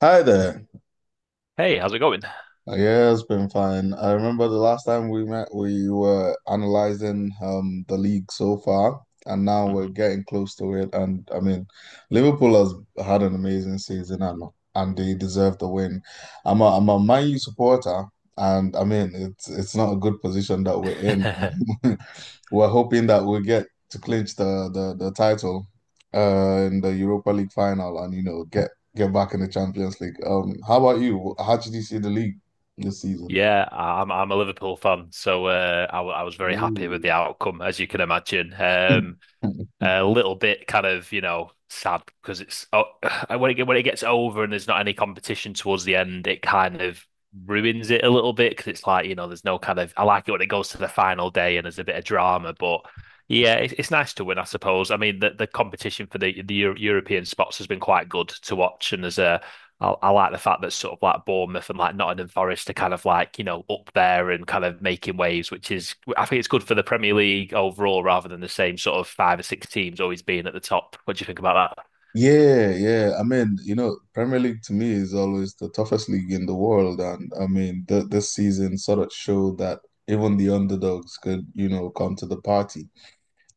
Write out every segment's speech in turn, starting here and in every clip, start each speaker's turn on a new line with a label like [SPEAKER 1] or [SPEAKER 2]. [SPEAKER 1] Hi there.
[SPEAKER 2] Hey, how's it going?
[SPEAKER 1] Yeah, it's been fine. I remember the last time we met, we were analyzing the league so far, and now we're
[SPEAKER 2] Mhm.
[SPEAKER 1] getting close to it. And I mean, Liverpool has had an amazing season, and they deserve the win. I'm a Man U supporter, and I mean, it's not a good position that we're in. We're hoping that we'll get to clinch the title, in the Europa League final, and get back in the Champions League. How about you? How did you see the league this season?
[SPEAKER 2] Yeah, I'm a Liverpool fan, so I was very happy with
[SPEAKER 1] Ooh.
[SPEAKER 2] the outcome, as you can imagine. A little bit kind of, you know, sad because when it gets over and there's not any competition towards the end, it kind of ruins it a little bit because it's like, you know, there's no kind of. I like it when it goes to the final day and there's a bit of drama, but yeah, it's nice to win, I suppose. I mean, the competition for the European spots has been quite good to watch, and there's a I like the fact that sort of like Bournemouth and like Nottingham Forest are kind of like, you know, up there and kind of making waves, which is, I think it's good for the Premier League overall rather than the same sort of five or six teams always being at the top. What do you think about
[SPEAKER 1] Yeah, yeah. I mean, Premier League to me is always the toughest league in the world, and I mean, th this season sort of showed that even the underdogs could come to the party.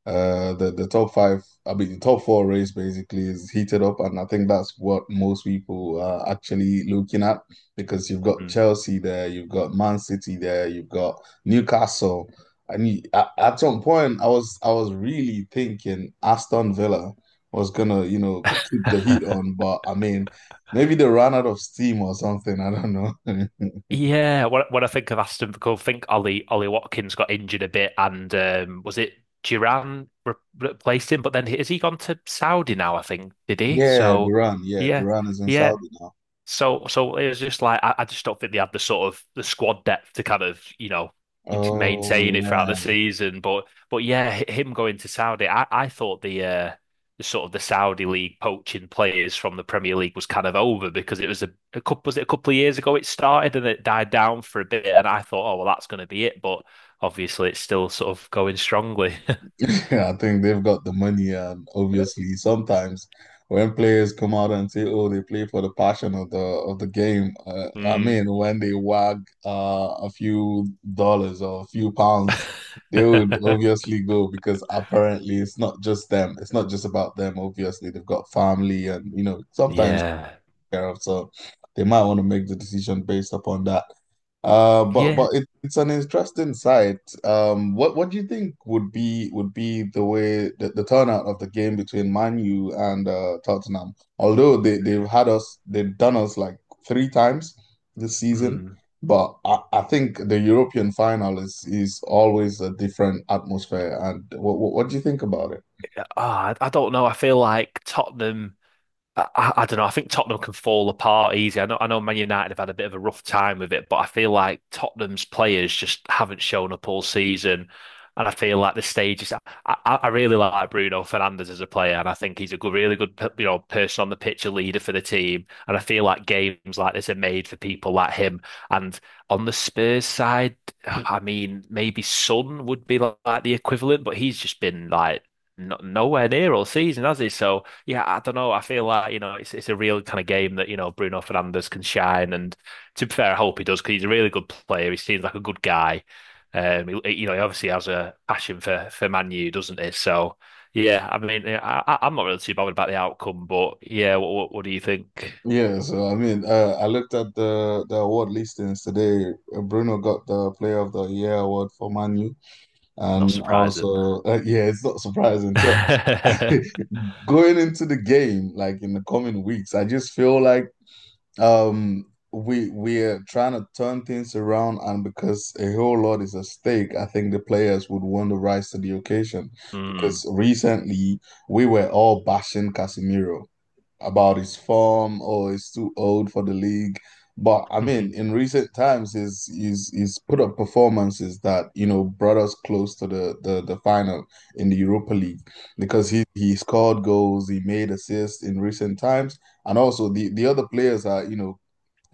[SPEAKER 1] The top five, I mean, the top four race basically is heated up, and I think that's what most people are actually looking at because you've got
[SPEAKER 2] that?
[SPEAKER 1] Chelsea there, you've got Man City there, you've got Newcastle, and you, at some point, I was really thinking Aston Villa was gonna, keep the heat
[SPEAKER 2] Mm.
[SPEAKER 1] on, but I mean, maybe they ran out of steam or something. I don't know.
[SPEAKER 2] Yeah, when I think of Aston Villa, I think Ollie Watkins got injured a bit, and was it Duran re replaced him? But then has he gone to Saudi now? I think did he?
[SPEAKER 1] Yeah,
[SPEAKER 2] So
[SPEAKER 1] Duran. Yeah,
[SPEAKER 2] yeah,
[SPEAKER 1] Duran is in
[SPEAKER 2] yeah.
[SPEAKER 1] Saudi now.
[SPEAKER 2] So it was just like I just don't think they had the sort of the squad depth to kind of you know
[SPEAKER 1] Oh
[SPEAKER 2] maintain it throughout the
[SPEAKER 1] yeah.
[SPEAKER 2] season. But yeah, h- him going to Saudi, I thought the sort of the Saudi league poaching players from the Premier League was kind of over because a couple was it a couple of years ago it started and it died down for a bit, and I thought, oh well, that's going to be it. But obviously, it's still sort of going strongly.
[SPEAKER 1] I think they've got the money, and obviously, sometimes when players come out and say, "Oh, they play for the passion of the game," I
[SPEAKER 2] Mm.
[SPEAKER 1] mean, when they wag a few dollars or a few pounds, they would obviously go because apparently it's not just them. It's not just about them. Obviously, they've got family, and sometimes
[SPEAKER 2] Yeah,
[SPEAKER 1] care of. So they might want to make the decision based upon that. But
[SPEAKER 2] yeah.
[SPEAKER 1] but it's an interesting site. What do you think would be the way the turnout of the game between Man U and Tottenham? Although they've done us like three times this season,
[SPEAKER 2] Mm.
[SPEAKER 1] but I think the European final is always a different atmosphere. And what do you think about it?
[SPEAKER 2] ah, I don't know. I feel like Tottenham. Don't know. I think Tottenham can fall apart easy. I know Man United have had a bit of a rough time with it, but I feel like Tottenham's players just haven't shown up all season. And I feel like the stage is. I really like Bruno Fernandes as a player, and I think he's a good, really good, you know, person on the pitch, a leader for the team. And I feel like games like this are made for people like him. And on the Spurs side, I mean, maybe Son would be like, the equivalent, but he's just been like no, nowhere near all season, has he? So. Yeah, I don't know. I feel like, you know, it's a real kind of game that, you know, Bruno Fernandes can shine. And to be fair, I hope he does because he's a really good player. He seems like a good guy. You know, he obviously has a passion for Man U, doesn't he? So, yeah, I mean, yeah, I'm not really too bothered about the outcome, but yeah, what do you think?
[SPEAKER 1] Yeah, so I mean, I looked at the award listings today. Bruno got the Player of the Year award for Manu,
[SPEAKER 2] Not
[SPEAKER 1] and
[SPEAKER 2] surprising.
[SPEAKER 1] also, yeah, it's not surprising. So, going into the game, like in the coming weeks, I just feel like um we're trying to turn things around, and because a whole lot is at stake, I think the players would want to rise to the occasion.
[SPEAKER 2] Mm.
[SPEAKER 1] Because recently we were all bashing Casemiro about his form or he's too old for the league. But I mean, in recent times, he's put up performances that brought us close to the final in the Europa League because he scored goals, he made assists in recent times, and also the other players are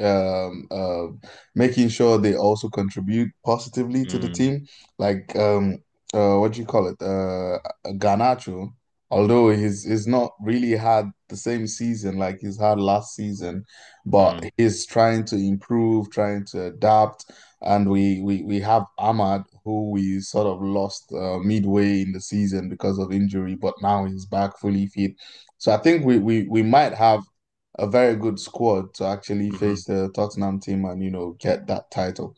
[SPEAKER 1] um, uh, making sure they also contribute positively to the
[SPEAKER 2] Mm.
[SPEAKER 1] team. Like what do you call it? Garnacho, although he's not really had the same season like he's had last season, but
[SPEAKER 2] Mm.
[SPEAKER 1] he's trying to improve, trying to adapt. And we have Ahmad, who we sort of lost midway in the season because of injury, but now he's back fully fit. So I think we might have a very good squad to actually face
[SPEAKER 2] Mm.
[SPEAKER 1] the Tottenham team and get that title.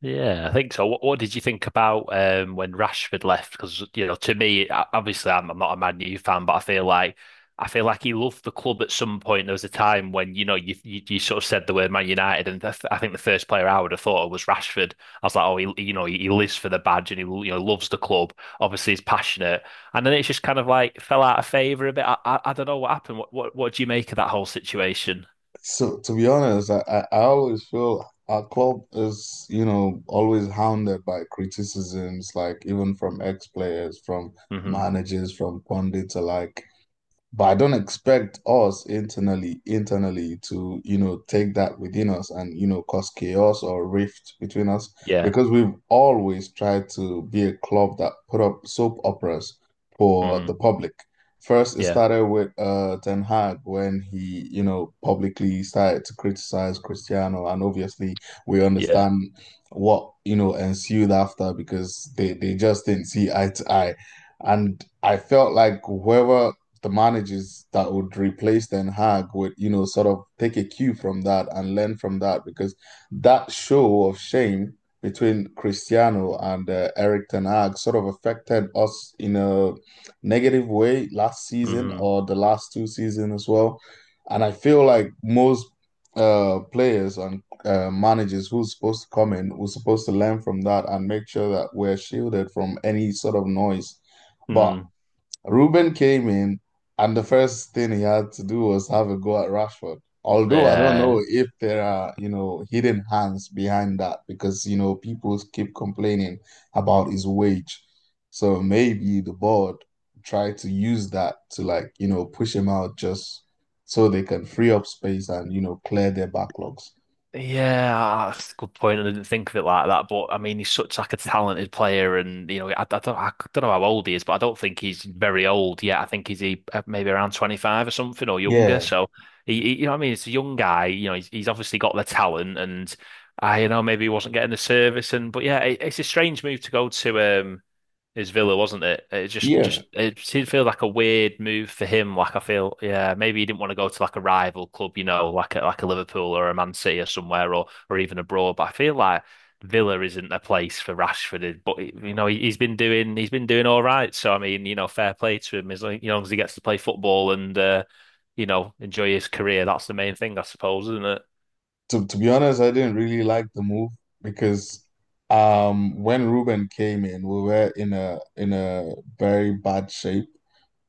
[SPEAKER 2] Yeah, I think so. What did you think about when Rashford left? Because you know, to me, obviously, I'm not a Man U fan, but I feel like he loved the club at some point. There was a time when you know you sort of said the word Man United, and I think the first player I would have thought of was Rashford. I was like, oh, he you know he lives for the badge and he you know loves the club. Obviously, he's passionate, and then it's just kind of like fell out of favour a bit. I don't know what happened. What do you make of that whole situation?
[SPEAKER 1] So to be honest, I always feel our club is always hounded by criticisms, like even from ex-players, from
[SPEAKER 2] Hmm.
[SPEAKER 1] managers, from pundits alike. But I don't expect us internally to, take that within us and, cause chaos or rift between us
[SPEAKER 2] Yeah.
[SPEAKER 1] because we've always tried to be a club that put up soap operas for the
[SPEAKER 2] Hmm.
[SPEAKER 1] public. First, it
[SPEAKER 2] Yeah.
[SPEAKER 1] started with Ten Hag when he, publicly started to criticize Cristiano, and obviously we
[SPEAKER 2] Yeah.
[SPEAKER 1] understand what, ensued after because they just didn't see eye to eye. And I felt like whoever the managers that would replace Ten Hag would, sort of take a cue from that and learn from that because that show of shame between Cristiano and Eric Ten Hag sort of affected us in a negative way last season
[SPEAKER 2] Hmm.
[SPEAKER 1] or the last two seasons as well. And I feel like most players and managers who's supposed to come in who's supposed to learn from that and make sure that we're shielded from any sort of noise. But
[SPEAKER 2] Hmm.
[SPEAKER 1] Ruben came in, and the first thing he had to do was have a go at Rashford. Although I don't know
[SPEAKER 2] Yeah,
[SPEAKER 1] if there are, hidden hands behind that because, people keep complaining about his wage. So maybe the board tried to use that to like, push him out just so they can free up space and, clear their backlogs.
[SPEAKER 2] yeah, that's a good point. I didn't think of it like that, but I mean, he's such like a talented player, and you know, I don't know how old he is, but I don't think he's very old yet. I think maybe around 25 or something or younger.
[SPEAKER 1] Yeah.
[SPEAKER 2] So you know, what I mean, it's a young guy. You know, he's obviously got the talent, and I, you know, maybe he wasn't getting the service, and but yeah, it's a strange move to go to. His Villa, wasn't it? It
[SPEAKER 1] Yeah.
[SPEAKER 2] just it seemed to feel like a weird move for him. Like I feel, yeah, maybe he didn't want to go to like a rival club, you know, like a Liverpool or a Man City or somewhere, or even abroad. But I feel like Villa isn't a place for Rashford. But you know, he's been doing all right. So I mean, you know, fair play to him as long, you know, as he gets to play football and you know enjoy his career. That's the main thing, I suppose, isn't it?
[SPEAKER 1] To be honest, I didn't really like the move because when Ruben came in, we were in a very bad shape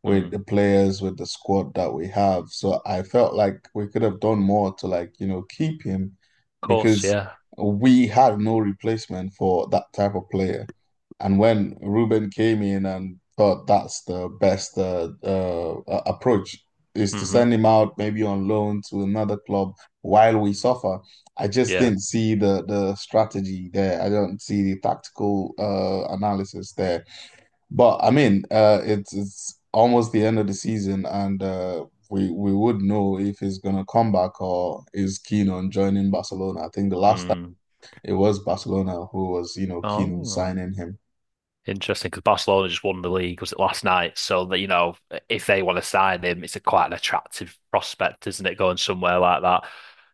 [SPEAKER 1] with the
[SPEAKER 2] Mm.
[SPEAKER 1] players, with the squad that we have. So I felt like we could have done more to like, keep him
[SPEAKER 2] Of course,
[SPEAKER 1] because
[SPEAKER 2] yeah.
[SPEAKER 1] we had no replacement for that type of player. And when Ruben came in and thought that's the best approach is to
[SPEAKER 2] Hmm.
[SPEAKER 1] send him out maybe on loan to another club while we suffer. I just
[SPEAKER 2] Yeah.
[SPEAKER 1] didn't see the strategy there. I don't see the tactical analysis there. But I mean, it's almost the end of the season, and we would know if he's gonna come back or is keen on joining Barcelona. I think the last time
[SPEAKER 2] Mm.
[SPEAKER 1] it was Barcelona who was, keen on
[SPEAKER 2] Oh.
[SPEAKER 1] signing him.
[SPEAKER 2] Interesting, because Barcelona just won the league, was it last night? So that you know, if they want to sign him, it's a quite an attractive prospect, isn't it? Going somewhere like that.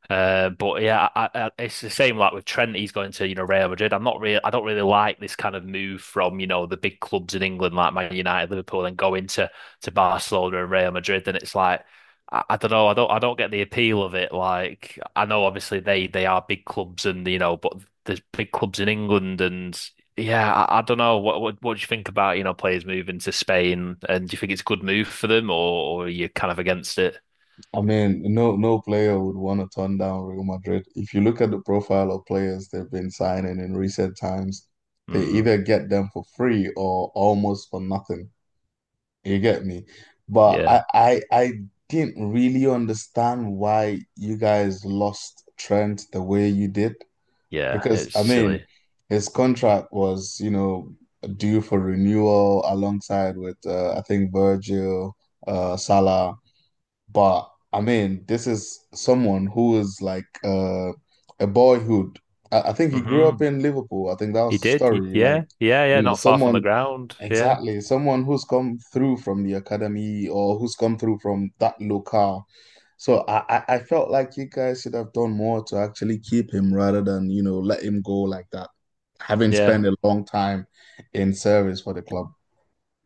[SPEAKER 2] But yeah, it's the same like with Trent. He's going to you know Real Madrid. I don't really like this kind of move from you know the big clubs in England like Man United, Liverpool, and go into to Barcelona and Real Madrid. And it's like I don't know, I don't get the appeal of it. Like I know obviously they are big clubs and you know, but there's big clubs in England and. Yeah, I don't know. What do you think about, you know, players moving to Spain? And do you think it's a good move for them, or are you kind of against it?
[SPEAKER 1] I mean, no player would want to turn down Real Madrid. If you look at the profile of players they've been signing in recent times, they
[SPEAKER 2] Mm,
[SPEAKER 1] either get them for free or almost for nothing. You get me? But
[SPEAKER 2] yeah,
[SPEAKER 1] I didn't really understand why you guys lost Trent the way you did.
[SPEAKER 2] yeah,
[SPEAKER 1] Because
[SPEAKER 2] it's
[SPEAKER 1] I mean,
[SPEAKER 2] silly.
[SPEAKER 1] his contract was, due for renewal alongside with I think Virgil, Salah. But I mean, this is someone who is like a boyhood. I think he grew up
[SPEAKER 2] Hmm.
[SPEAKER 1] in Liverpool. I think that was
[SPEAKER 2] He
[SPEAKER 1] the
[SPEAKER 2] did.
[SPEAKER 1] story. Like,
[SPEAKER 2] Yeah, yeah, yeah.
[SPEAKER 1] you know,
[SPEAKER 2] Not far from the
[SPEAKER 1] someone
[SPEAKER 2] ground. Yeah,
[SPEAKER 1] exactly. Someone who's come through from the academy or who's come through from that locale. So I felt like you guys should have done more to actually keep him rather than, let him go like that, having
[SPEAKER 2] yeah.
[SPEAKER 1] spent a long time in service for the club.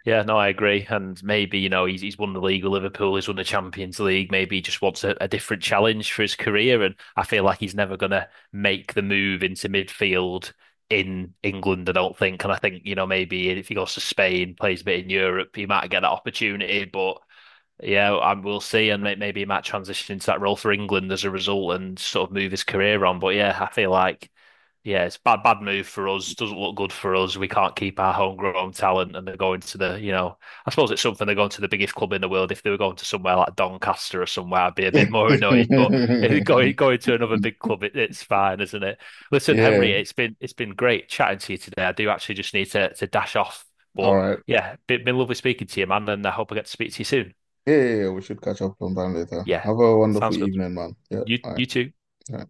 [SPEAKER 2] Yeah, no, I agree. And maybe, you know, he's won the league with Liverpool, he's won the Champions League. Maybe he just wants a different challenge for his career. And I feel like he's never gonna make the move into midfield in England, I don't think. And I think, you know, maybe if he goes to Spain, plays a bit in Europe, he might get that opportunity. But yeah, and we'll see, and maybe he might transition into that role for England as a result, and sort of move his career on. But yeah, I feel like yeah, it's bad, bad move for us. Doesn't look good for us. We can't keep our homegrown talent, and they're going to the you know, I suppose it's something they're going to the biggest club in the world. If they were going to somewhere like Doncaster or somewhere, I'd be a bit more annoyed. But if they're going going to another big club, it's fine, isn't it? Listen,
[SPEAKER 1] Yeah.
[SPEAKER 2] Henry, it's been great chatting to you today. I do actually just need to dash off,
[SPEAKER 1] All
[SPEAKER 2] but
[SPEAKER 1] right.
[SPEAKER 2] yeah, been lovely speaking to you, man, and I hope I get to speak to you soon.
[SPEAKER 1] Yeah, yeah, yeah. We should catch up sometime later.
[SPEAKER 2] Yeah,
[SPEAKER 1] Have a wonderful
[SPEAKER 2] sounds good.
[SPEAKER 1] evening, man. Yeah. All right.
[SPEAKER 2] You too.
[SPEAKER 1] All right.